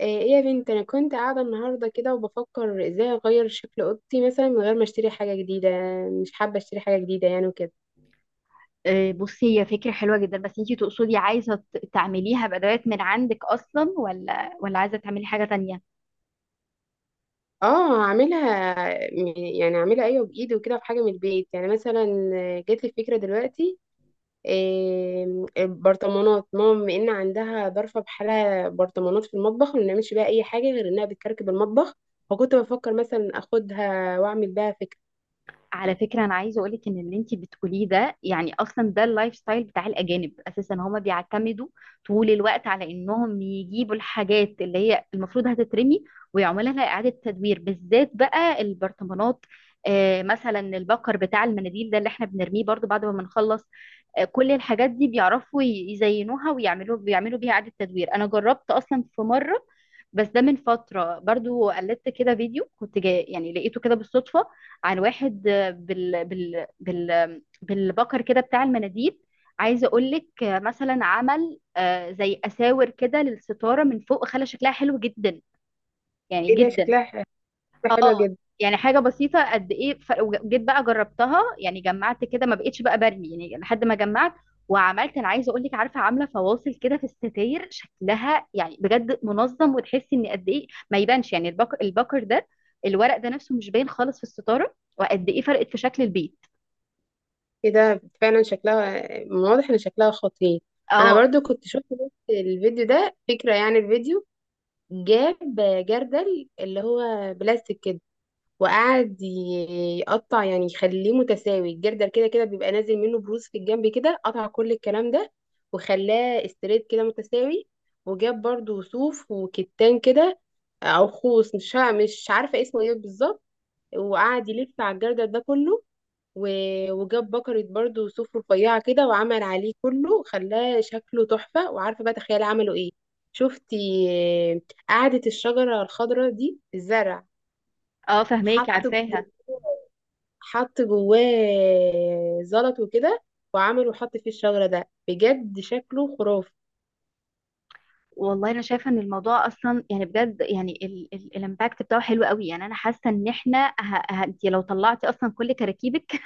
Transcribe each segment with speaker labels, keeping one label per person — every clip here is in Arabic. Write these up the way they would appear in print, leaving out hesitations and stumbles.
Speaker 1: ايه يا بنت، انا كنت قاعده النهارده كده وبفكر ازاي اغير شكل اوضتي مثلا من غير ما اشتري حاجه جديده. مش حابه اشتري حاجه جديده يعني وكده.
Speaker 2: بصي، هي فكرة حلوة جدا. بس انتي تقصدي عايزة تعمليها بأدوات من عندك أصلا، ولا عايزة تعملي حاجة تانية؟
Speaker 1: اه، اعملها. يعني اعملها ايوه بايدي وكده، في حاجه من البيت يعني مثلا. جات لي فكره دلوقتي. إيه البرطمانات؟ ماما بما ان عندها ظرفه بحالها برطمانات في المطبخ، ما بنعملش بيها اي حاجه غير انها بتكركب المطبخ. فكنت بفكر مثلا اخدها واعمل بيها فكره.
Speaker 2: على فكرة أنا عايزة أقولك إن اللي أنتي بتقوليه ده، يعني أصلا ده اللايف ستايل بتاع الأجانب أساسا. هما بيعتمدوا طول الوقت على إنهم يجيبوا الحاجات اللي هي المفروض هتترمي ويعملوا لها إعادة تدوير، بالذات بقى البرطمانات. آه، مثلا البكر بتاع المناديل ده اللي إحنا بنرميه برضو بعد ما بنخلص. آه، كل الحاجات دي بيعرفوا يزينوها ويعملوا بيها إعادة تدوير. أنا جربت أصلا في مرة، بس ده من فترة. برضو قلدت كده فيديو كنت جاي، يعني لقيته كده بالصدفة، عن واحد بالبكر كده بتاع المناديل. عايزه اقول لك مثلا عمل، زي اساور كده للستاره من فوق، خلى شكلها حلو جدا، يعني
Speaker 1: ايه ده،
Speaker 2: جدا.
Speaker 1: شكلها
Speaker 2: اه.
Speaker 1: حلوه جدا.
Speaker 2: يعني حاجة بسيطة قد ايه، وجيت بقى جربتها. يعني جمعت كده، ما بقتش بقى برمي، يعني لحد ما جمعت وعملت. انا عايزة اقول لك عارفة، عاملة فواصل كده في الستاير، شكلها يعني بجد منظم، وتحسي ان قد ايه ما يبانش. يعني البكر ده، الورق ده نفسه مش باين خالص في الستارة، وقد ايه فرقت في شكل البيت.
Speaker 1: ايه ده فعلا شكلها، من واضح ان شكلها خطير. انا
Speaker 2: اه.
Speaker 1: برضو كنت شفت بس الفيديو ده فكرة، يعني الفيديو جاب جردل اللي هو بلاستيك كده، وقعد يقطع، يعني يخليه متساوي. الجردل كده كده بيبقى نازل منه بروز في الجنب كده، قطع كل الكلام ده وخلاه استريت كده متساوي. وجاب برضو صوف وكتان كده، او خوص مش عارفة اسمه ايه بالظبط، وقعد يلف على الجردل ده كله. وجاب بكرة برضو صوف رفيعة كده، وعمل عليه كله خلاه شكله تحفة. وعارفة بقى تخيلي عملوا ايه؟ شفتي آه، قعدة الشجرة الخضراء دي الزرع،
Speaker 2: اه فهماكي،
Speaker 1: حط جواه
Speaker 2: عارفاها.
Speaker 1: حط جواه زلط وكده، وعمل وحط فيه الشجرة ده، بجد شكله خرافي.
Speaker 2: والله انا شايفه ان الموضوع اصلا، يعني بجد، يعني الامباكت بتاعه حلو قوي. يعني انا حاسه ان احنا، انت لو طلعتي اصلا كل كراكيبك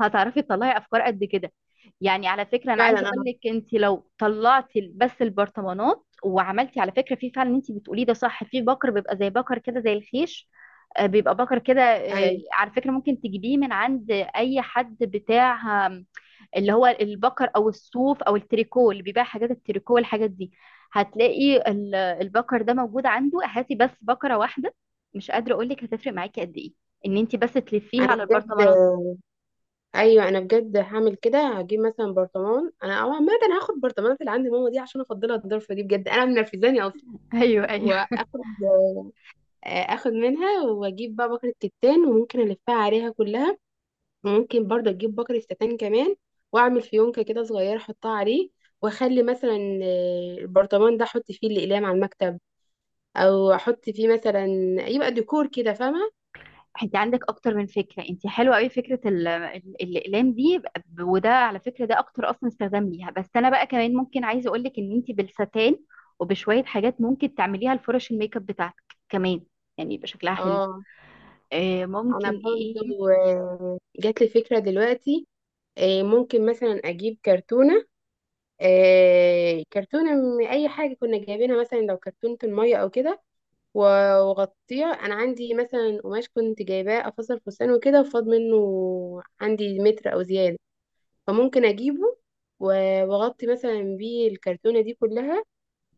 Speaker 2: هتعرفي تطلعي افكار قد كده. يعني على فكره انا
Speaker 1: فعلا
Speaker 2: عايزه اقول
Speaker 1: انا،
Speaker 2: لك انت لو طلعتي بس البرطمانات وعملتي، على فكره في فعلا اللي انت بتقوليه ده صح، في بكر بيبقى زي بكر كده زي الخيش. بيبقى بكر كده.
Speaker 1: ايوه
Speaker 2: على فكره ممكن تجيبيه من عند اي حد بتاع اللي هو البكر او الصوف او التريكو، اللي بيبيع حاجات التريكو والحاجات دي. هتلاقي البكر ده موجود عنده. هاتي بس بكرة واحدة، مش قادرة اقول لك هتفرق معاكي قد ايه ان انت بس تلفيها
Speaker 1: انا
Speaker 2: على
Speaker 1: بجد،
Speaker 2: البرطمانات.
Speaker 1: هعمل كده. هجيب مثلا برطمان، انا او عامه هاخد برطمانات اللي عند ماما دي عشان افضلها، الضرفه دي بجد انا منرفزاني اصلا.
Speaker 2: ايوه، ايوه.
Speaker 1: واخد آه، اخد منها، واجيب بقى بكرة كتان وممكن الفها عليها كلها. وممكن برضه اجيب بكرة كتان كمان، واعمل فيونكة كده صغيرة احطها عليه. واخلي مثلا البرطمان ده احط فيه الاقلام على المكتب، او احط فيه مثلا، يبقى ديكور كده، فاهمة؟
Speaker 2: انت عندك اكتر من فكره، انت حلوه قوي. فكره الاقلام دي، وده على فكره ده اكتر اصلا استخدام ليها. بس انا بقى كمان ممكن، عايزه اقول لك ان انت بالستان وبشويه حاجات ممكن تعمليها لفرش الميك اب بتاعتك كمان، يعني يبقى شكلها حلو.
Speaker 1: اه. انا
Speaker 2: ممكن ايه.
Speaker 1: برضه جات لي فكرة دلوقتي. ممكن مثلا اجيب كرتونة، كرتونة من اي حاجة كنا جايبينها، مثلا لو كرتونة المية او كده، و- واغطيه. انا عندي مثلا قماش كنت جايباه افصل فستان وكده وفاض منه، عندي متر او زياده، فممكن اجيبه واغطي مثلا بيه الكرتونه دي كلها،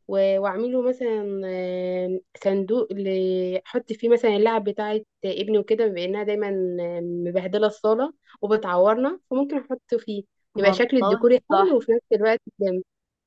Speaker 1: واعمله مثلا صندوق احط فيه مثلا اللعب بتاعه ابني وكده، بانها دايما مبهدله الصاله وبتعورنا، فممكن احط فيه، يبقى شكل الديكور
Speaker 2: والله،
Speaker 1: حلو
Speaker 2: تحفة.
Speaker 1: وفي نفس الوقت جامد.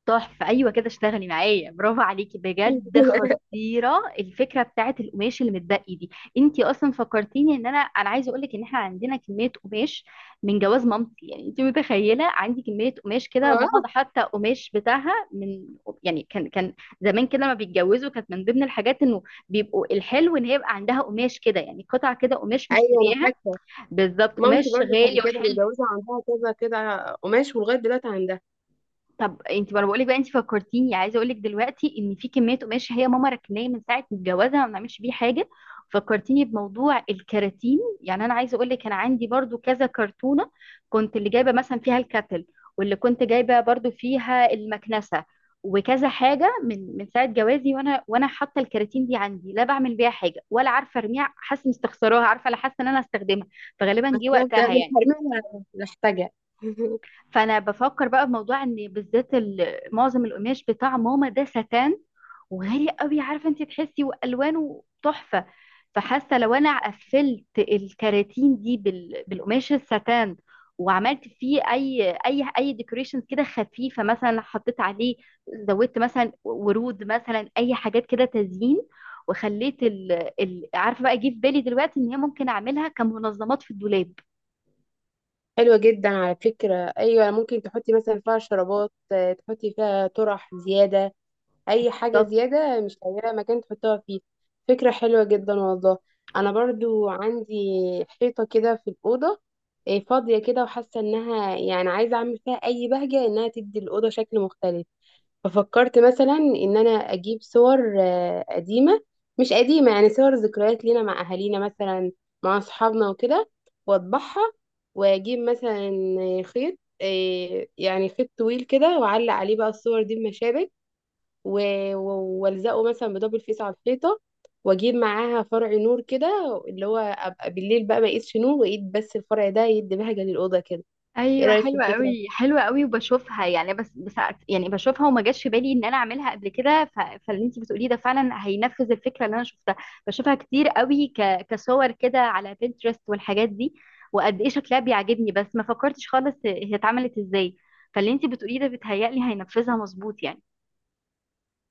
Speaker 2: تحفة أيوة كده، اشتغلي معايا. برافو عليكي، بجد خطيرة الفكرة بتاعت القماش اللي متبقي دي. انتي أصلا فكرتيني ان أنا عايزة أقولك ان احنا عندنا كمية قماش من جواز مامتي. يعني انتي متخيلة عندي كمية قماش كده،
Speaker 1: آه،
Speaker 2: ماما ده حتى قماش بتاعها من، يعني كان زمان كده لما بيتجوزوا كانت من ضمن الحاجات انه بيبقوا، الحلو ان هي يبقى عندها قماش كده، يعني قطع كده قماش
Speaker 1: ايوه انا
Speaker 2: مشترياها
Speaker 1: فاكره.
Speaker 2: بالظبط،
Speaker 1: مامتي
Speaker 2: قماش
Speaker 1: برضو
Speaker 2: غالي
Speaker 1: كانت كده
Speaker 2: وحلو.
Speaker 1: متجوزة، عندها كذا كده قماش ولغاية دلوقتي عندها.
Speaker 2: طب انت، ما انا بقول لك بقى، انت فكرتيني. عايزه اقول لك دلوقتي ان في كميه قماش هي ماما ركناه من ساعه جوازها، ما بنعملش بيه حاجه. فكرتيني بموضوع الكراتين. يعني انا عايزه اقول لك انا عندي برضو كذا كرتونه، كنت اللي جايبه مثلا فيها الكاتل، واللي كنت جايبه برضو فيها المكنسه، وكذا حاجه من ساعه جوازي، وانا حاطه الكراتين دي عندي، لا بعمل بيها حاجه ولا عارفه ارميها. حاسه اني استخسراها، عارفه، لا حاسه ان انا استخدمها، فغالبا
Speaker 1: بس
Speaker 2: جه
Speaker 1: ده
Speaker 2: وقتها
Speaker 1: أنا مش
Speaker 2: يعني.
Speaker 1: هرميها، محتاجة.
Speaker 2: فانا بفكر بقى بموضوع ان بالذات معظم القماش بتاع ماما ده ستان، وغالي قوي، عارفه انت تحسي، والوانه تحفه. فحاسه لو انا قفلت الكراتين دي بالقماش الستان، وعملت فيه اي ديكوريشن كده خفيفه، مثلا حطيت عليه، زودت مثلا ورود، مثلا اي حاجات كده تزيين، وخليت عارفه بقى، جه في بالي دلوقتي ان هي ممكن اعملها كمنظمات في الدولاب.
Speaker 1: حلوة جدا على فكرة، أيوة، ممكن تحطي مثلا فيها شرابات، تحطي فيها طرح زيادة، أي حاجة زيادة مش لاقية مكان تحطها فيه. فكرة حلوة جدا والله. أنا برضو عندي حيطة كده في الأوضة فاضية كده، وحاسة إنها يعني عايزة أعمل فيها أي بهجة إنها تدي الأوضة شكل مختلف. ففكرت مثلا ان انا اجيب صور قديمه، مش قديمه يعني، صور ذكريات لينا مع اهالينا مثلا، مع اصحابنا وكده، واطبعها، واجيب مثلا خيط، يعني خيط طويل كده، واعلق عليه بقى الصور دي بمشابك، والزقه مثلا بدبل فيس على الحيطه. واجيب معاها فرع نور كده، اللي هو ابقى بالليل بقى ما اقيدش نور واقيد بس الفرع ده، يدي بهجه للاوضه كده. ايه
Speaker 2: ايوه،
Speaker 1: رايك في
Speaker 2: حلوه
Speaker 1: الفكره؟
Speaker 2: قوي، حلوه قوي. وبشوفها يعني، بس يعني بشوفها، وما جاش في بالي ان انا اعملها قبل كده. فاللي انت بتقوليه ده فعلا هينفذ الفكره اللي انا شفتها. بشوفها كتير قوي، كصور كده على بنترست والحاجات دي، وقد ايه شكلها بيعجبني، بس ما فكرتش خالص هي اتعملت ازاي. فاللي انت بتقوليه ده بيتهيألي هينفذها مظبوط يعني.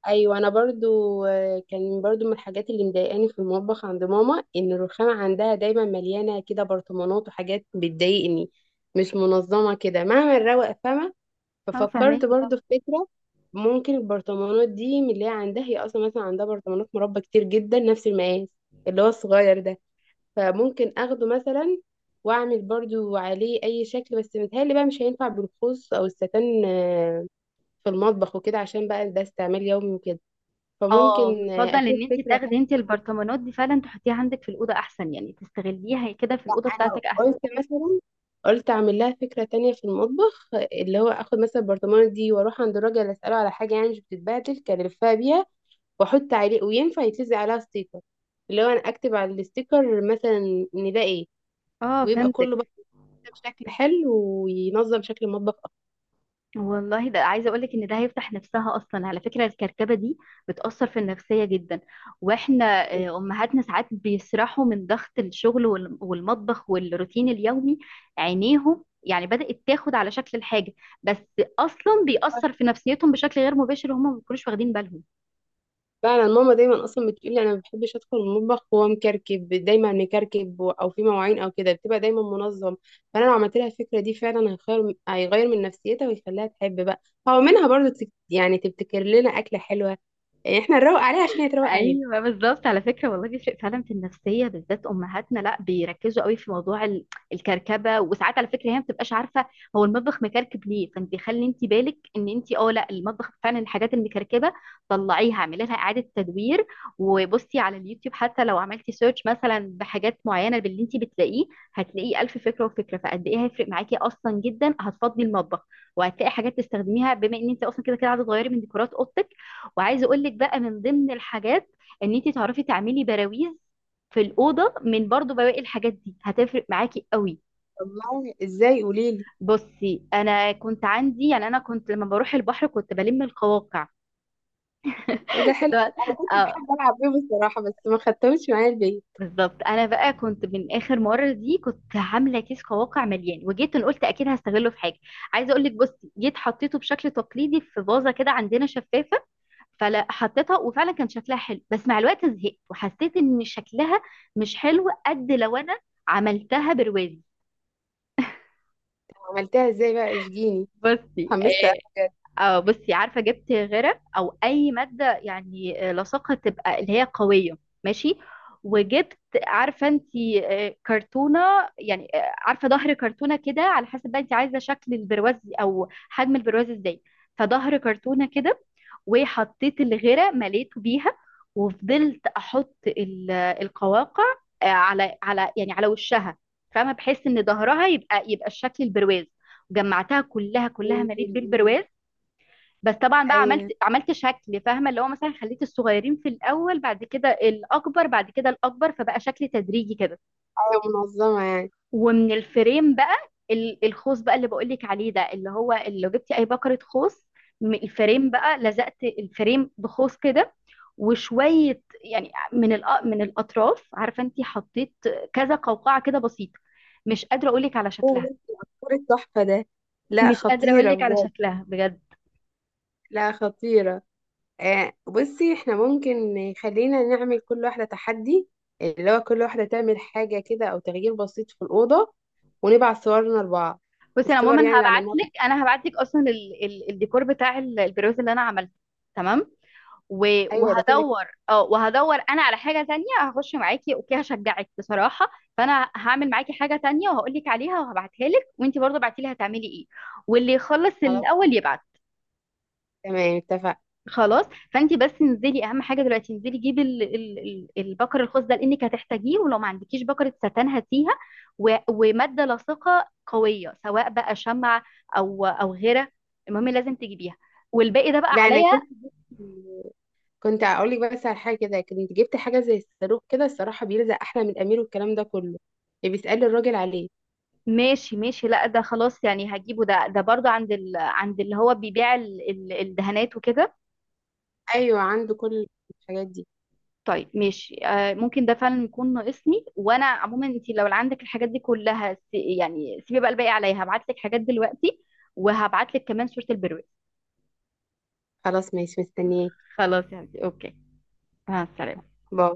Speaker 1: ايوه انا برضو كان برضو من الحاجات اللي مضايقاني في المطبخ عند ماما، ان الرخامه عندها دايما مليانه كده برطمانات وحاجات، بتضايقني مش منظمه كده مهما الروق فما.
Speaker 2: اه
Speaker 1: ففكرت
Speaker 2: فهماكي طبعا.
Speaker 1: برضو في فكره، ممكن البرطمانات دي من اللي هي عندها، هي اصلا مثلا عندها برطمانات مربى كتير جدا نفس المقاس، اللي هو الصغير ده، فممكن اخده مثلا واعمل برضو عليه اي شكل. بس متهيألي بقى مش هينفع بالخوص او الستان في المطبخ وكده، عشان بقى ده استعمال يومي وكده.
Speaker 2: اه،
Speaker 1: فممكن
Speaker 2: بفضل
Speaker 1: اشوف
Speaker 2: ان انت
Speaker 1: فكرة
Speaker 2: تاخدي
Speaker 1: تانية.
Speaker 2: انت البرطمانات دي فعلا تحطيها عندك في الاوضه احسن، يعني تستغليها كده في الاوضه
Speaker 1: انا
Speaker 2: بتاعتك احسن.
Speaker 1: قلت مثلا، قلت اعمل لها فكرة تانية في المطبخ آه،، اللي هو اخد مثلا البرطمانة دي واروح عند الراجل اسأله على حاجة يعني مش بتتبهدل، كان لفها بيها واحط عليه، وينفع يتلزق عليها ستيكر، اللي هو انا اكتب على الستيكر مثلا ان ده ايه،
Speaker 2: اه
Speaker 1: ويبقى كله بقى
Speaker 2: فهمتك.
Speaker 1: بشكل حلو، وينظم شكل المطبخ
Speaker 2: والله ده، عايزه اقول لك ان ده هيفتح نفسها اصلا. على فكره الكركبه دي بتاثر في النفسيه جدا، واحنا
Speaker 1: اكتر.
Speaker 2: امهاتنا ساعات بيسرحوا من ضغط الشغل والمطبخ والروتين اليومي، عينيهم يعني بدات تاخد على شكل الحاجه، بس اصلا بيأثر في نفسيتهم بشكل غير مباشر وهم ما بيكونوش واخدين بالهم.
Speaker 1: فعلا ماما دايما اصلا بتقولي انا ما بحبش ادخل المطبخ وهو مكركب، دايما مكركب او في مواعين او كده، بتبقى دايما منظم. فانا لو عملت لها الفكره دي فعلا هيغير من نفسيتها ويخليها تحب بقى. هو منها برضو يعني تبتكر لنا اكله حلوه، يعني احنا نروق عليها عشان هي تروق علينا.
Speaker 2: ايوه بالظبط، على فكره والله بيفرق فعلا في النفسيه، بالذات امهاتنا لا بيركزوا قوي في موضوع الكركبه. وساعات على فكره هي ما بتبقاش عارفه هو المطبخ مكركب ليه. فانت خلي انت بالك ان انت، اه لا، المطبخ فعلا الحاجات المكركبه طلعيها، اعملي لها اعاده تدوير. وبصي على اليوتيوب، حتى لو عملتي سيرش مثلا بحاجات معينه، باللي انت بتلاقيه، هتلاقيه الف فكره وفكره. فقد ايه هيفرق معاكي اصلا جدا، هتفضي المطبخ، وهتلاقي حاجات تستخدميها، بما ان انت اصلا كده عايزه تغيري من ديكورات اوضتك. وعايزه اقول لك بقى من ضمن الحاجات ان انت تعرفي تعملي براويز في الاوضه من برضو بواقي الحاجات دي، هتفرق معاكي قوي.
Speaker 1: والله ازاي؟ قولي لي.
Speaker 2: بصي انا كنت عندي، يعني انا كنت لما بروح البحر كنت بلم القواقع.
Speaker 1: ايه ده، حلو. انا كنت
Speaker 2: اه،
Speaker 1: بحب العب بيهم الصراحه، بس ما خدتهمش معايا البيت.
Speaker 2: بالظبط. انا بقى كنت من اخر مره دي كنت عامله كيس قواقع مليان، وجيت أنا قلت اكيد هستغله في حاجه. عايزه اقول لك بصي جيت حطيته بشكل تقليدي في فازه كده عندنا شفاف، فلا حطيتها وفعلا كان شكلها حلو، بس مع الوقت زهقت وحسيت ان شكلها مش حلو قد لو انا عملتها برواز.
Speaker 1: عملتها ازاي بقى؟ اشجيني،
Speaker 2: بصي
Speaker 1: حمست أوي
Speaker 2: اه،
Speaker 1: بجد.
Speaker 2: بصي عارفه، جبت غرق او اي ماده، يعني لاصقه، تبقى اللي هي قويه، ماشي. وجبت، عارفه انت، كرتونه، يعني عارفه ظهر كرتونه كده، على حسب بقى انت عايزه شكل البرواز او حجم البرواز ازاي. فظهر كرتونه كده، وحطيت الغرة مليته بيها، وفضلت احط القواقع، على يعني على وشها، فاهمه، بحيث ان ظهرها يبقى الشكل البرواز. وجمعتها كلها كلها،
Speaker 1: انتي
Speaker 2: مليت
Speaker 1: ال-
Speaker 2: بالبرواز. بس طبعا
Speaker 1: ايه،
Speaker 2: بقى عملت
Speaker 1: ايوه
Speaker 2: عملت شكل، فاهمه، اللي هو مثلا خليت الصغيرين في الاول، بعد كده الاكبر، بعد كده الاكبر، فبقى شكل تدريجي كده.
Speaker 1: ايوه، منظمه يعني.
Speaker 2: ومن الفريم بقى، الخوص بقى اللي بقولك عليه ده، اللي هو اللي لو جبتي اي بكرة خوص، الفريم بقى لزقت الفريم بخوص كده. وشوية يعني من من الأطراف، عارفة انتي حطيت كذا قوقعة كده بسيطة. مش قادرة أقولك على
Speaker 1: ايه يا
Speaker 2: شكلها.
Speaker 1: بنتي، عصفور التحفة ده. لا
Speaker 2: مش قادرة
Speaker 1: خطيرة
Speaker 2: أقولك على
Speaker 1: بجد.
Speaker 2: شكلها بجد.
Speaker 1: لا خطيرة. بصي، احنا ممكن خلينا نعمل كل واحدة تحدي، اللي هو كل واحدة تعمل حاجة كده أو تغيير بسيط في الأوضة، ونبعت صورنا لبعض.
Speaker 2: بصي أنا
Speaker 1: الصور يعني
Speaker 2: عموما
Speaker 1: اللي عملناها.
Speaker 2: هبعتلك، هبعتلك أصلا الديكور بتاع البرواز اللي أنا عملته. تمام. و-
Speaker 1: أيوة ده كده كده.
Speaker 2: وهدور، اه وهدور انا على حاجه تانية، هخش معاكي اوكي، هشجعك بصراحه. فانا هعمل معاكي حاجه تانية وهقول لك عليها وهبعتها لك، وانت برضه ابعتي لي هتعملي ايه، واللي يخلص
Speaker 1: خلاص،
Speaker 2: الاول يبعت.
Speaker 1: تمام، اتفق.
Speaker 2: خلاص. فانت بس انزلي، اهم حاجه دلوقتي انزلي جيبي البكر الخاص ده، لانك هتحتاجيه. ولو ما عندكيش بكره ستان هاتيها، وماده لاصقه قويه، سواء بقى شمع او غيره، المهم لازم تجيبيها، والباقي ده بقى
Speaker 1: لا أنا
Speaker 2: عليا.
Speaker 1: كنت، جبت- كنت أقول لك بس على حاجة كده، كنت جبت حاجة زي الصاروخ كده الصراحة، بيلزق أحلى من الأمير والكلام ده كله، اللي بيسأل الراجل عليه.
Speaker 2: ماشي ماشي، لا ده خلاص يعني هجيبه. ده برضه عند عند اللي هو بيبيع الدهانات وكده.
Speaker 1: أيوة عنده كل الحاجات دي.
Speaker 2: طيب ماشي، آه ممكن ده فعلا يكون ناقصني. وانا عموما انت لو عندك الحاجات دي كلها، يعني سيبي بقى الباقي عليا. هبعت لك حاجات دلوقتي وهبعت لك كمان صورة البروز.
Speaker 1: خلاص ماشي، مستنياك.
Speaker 2: خلاص يعني اوكي، مع السلامة.
Speaker 1: باي.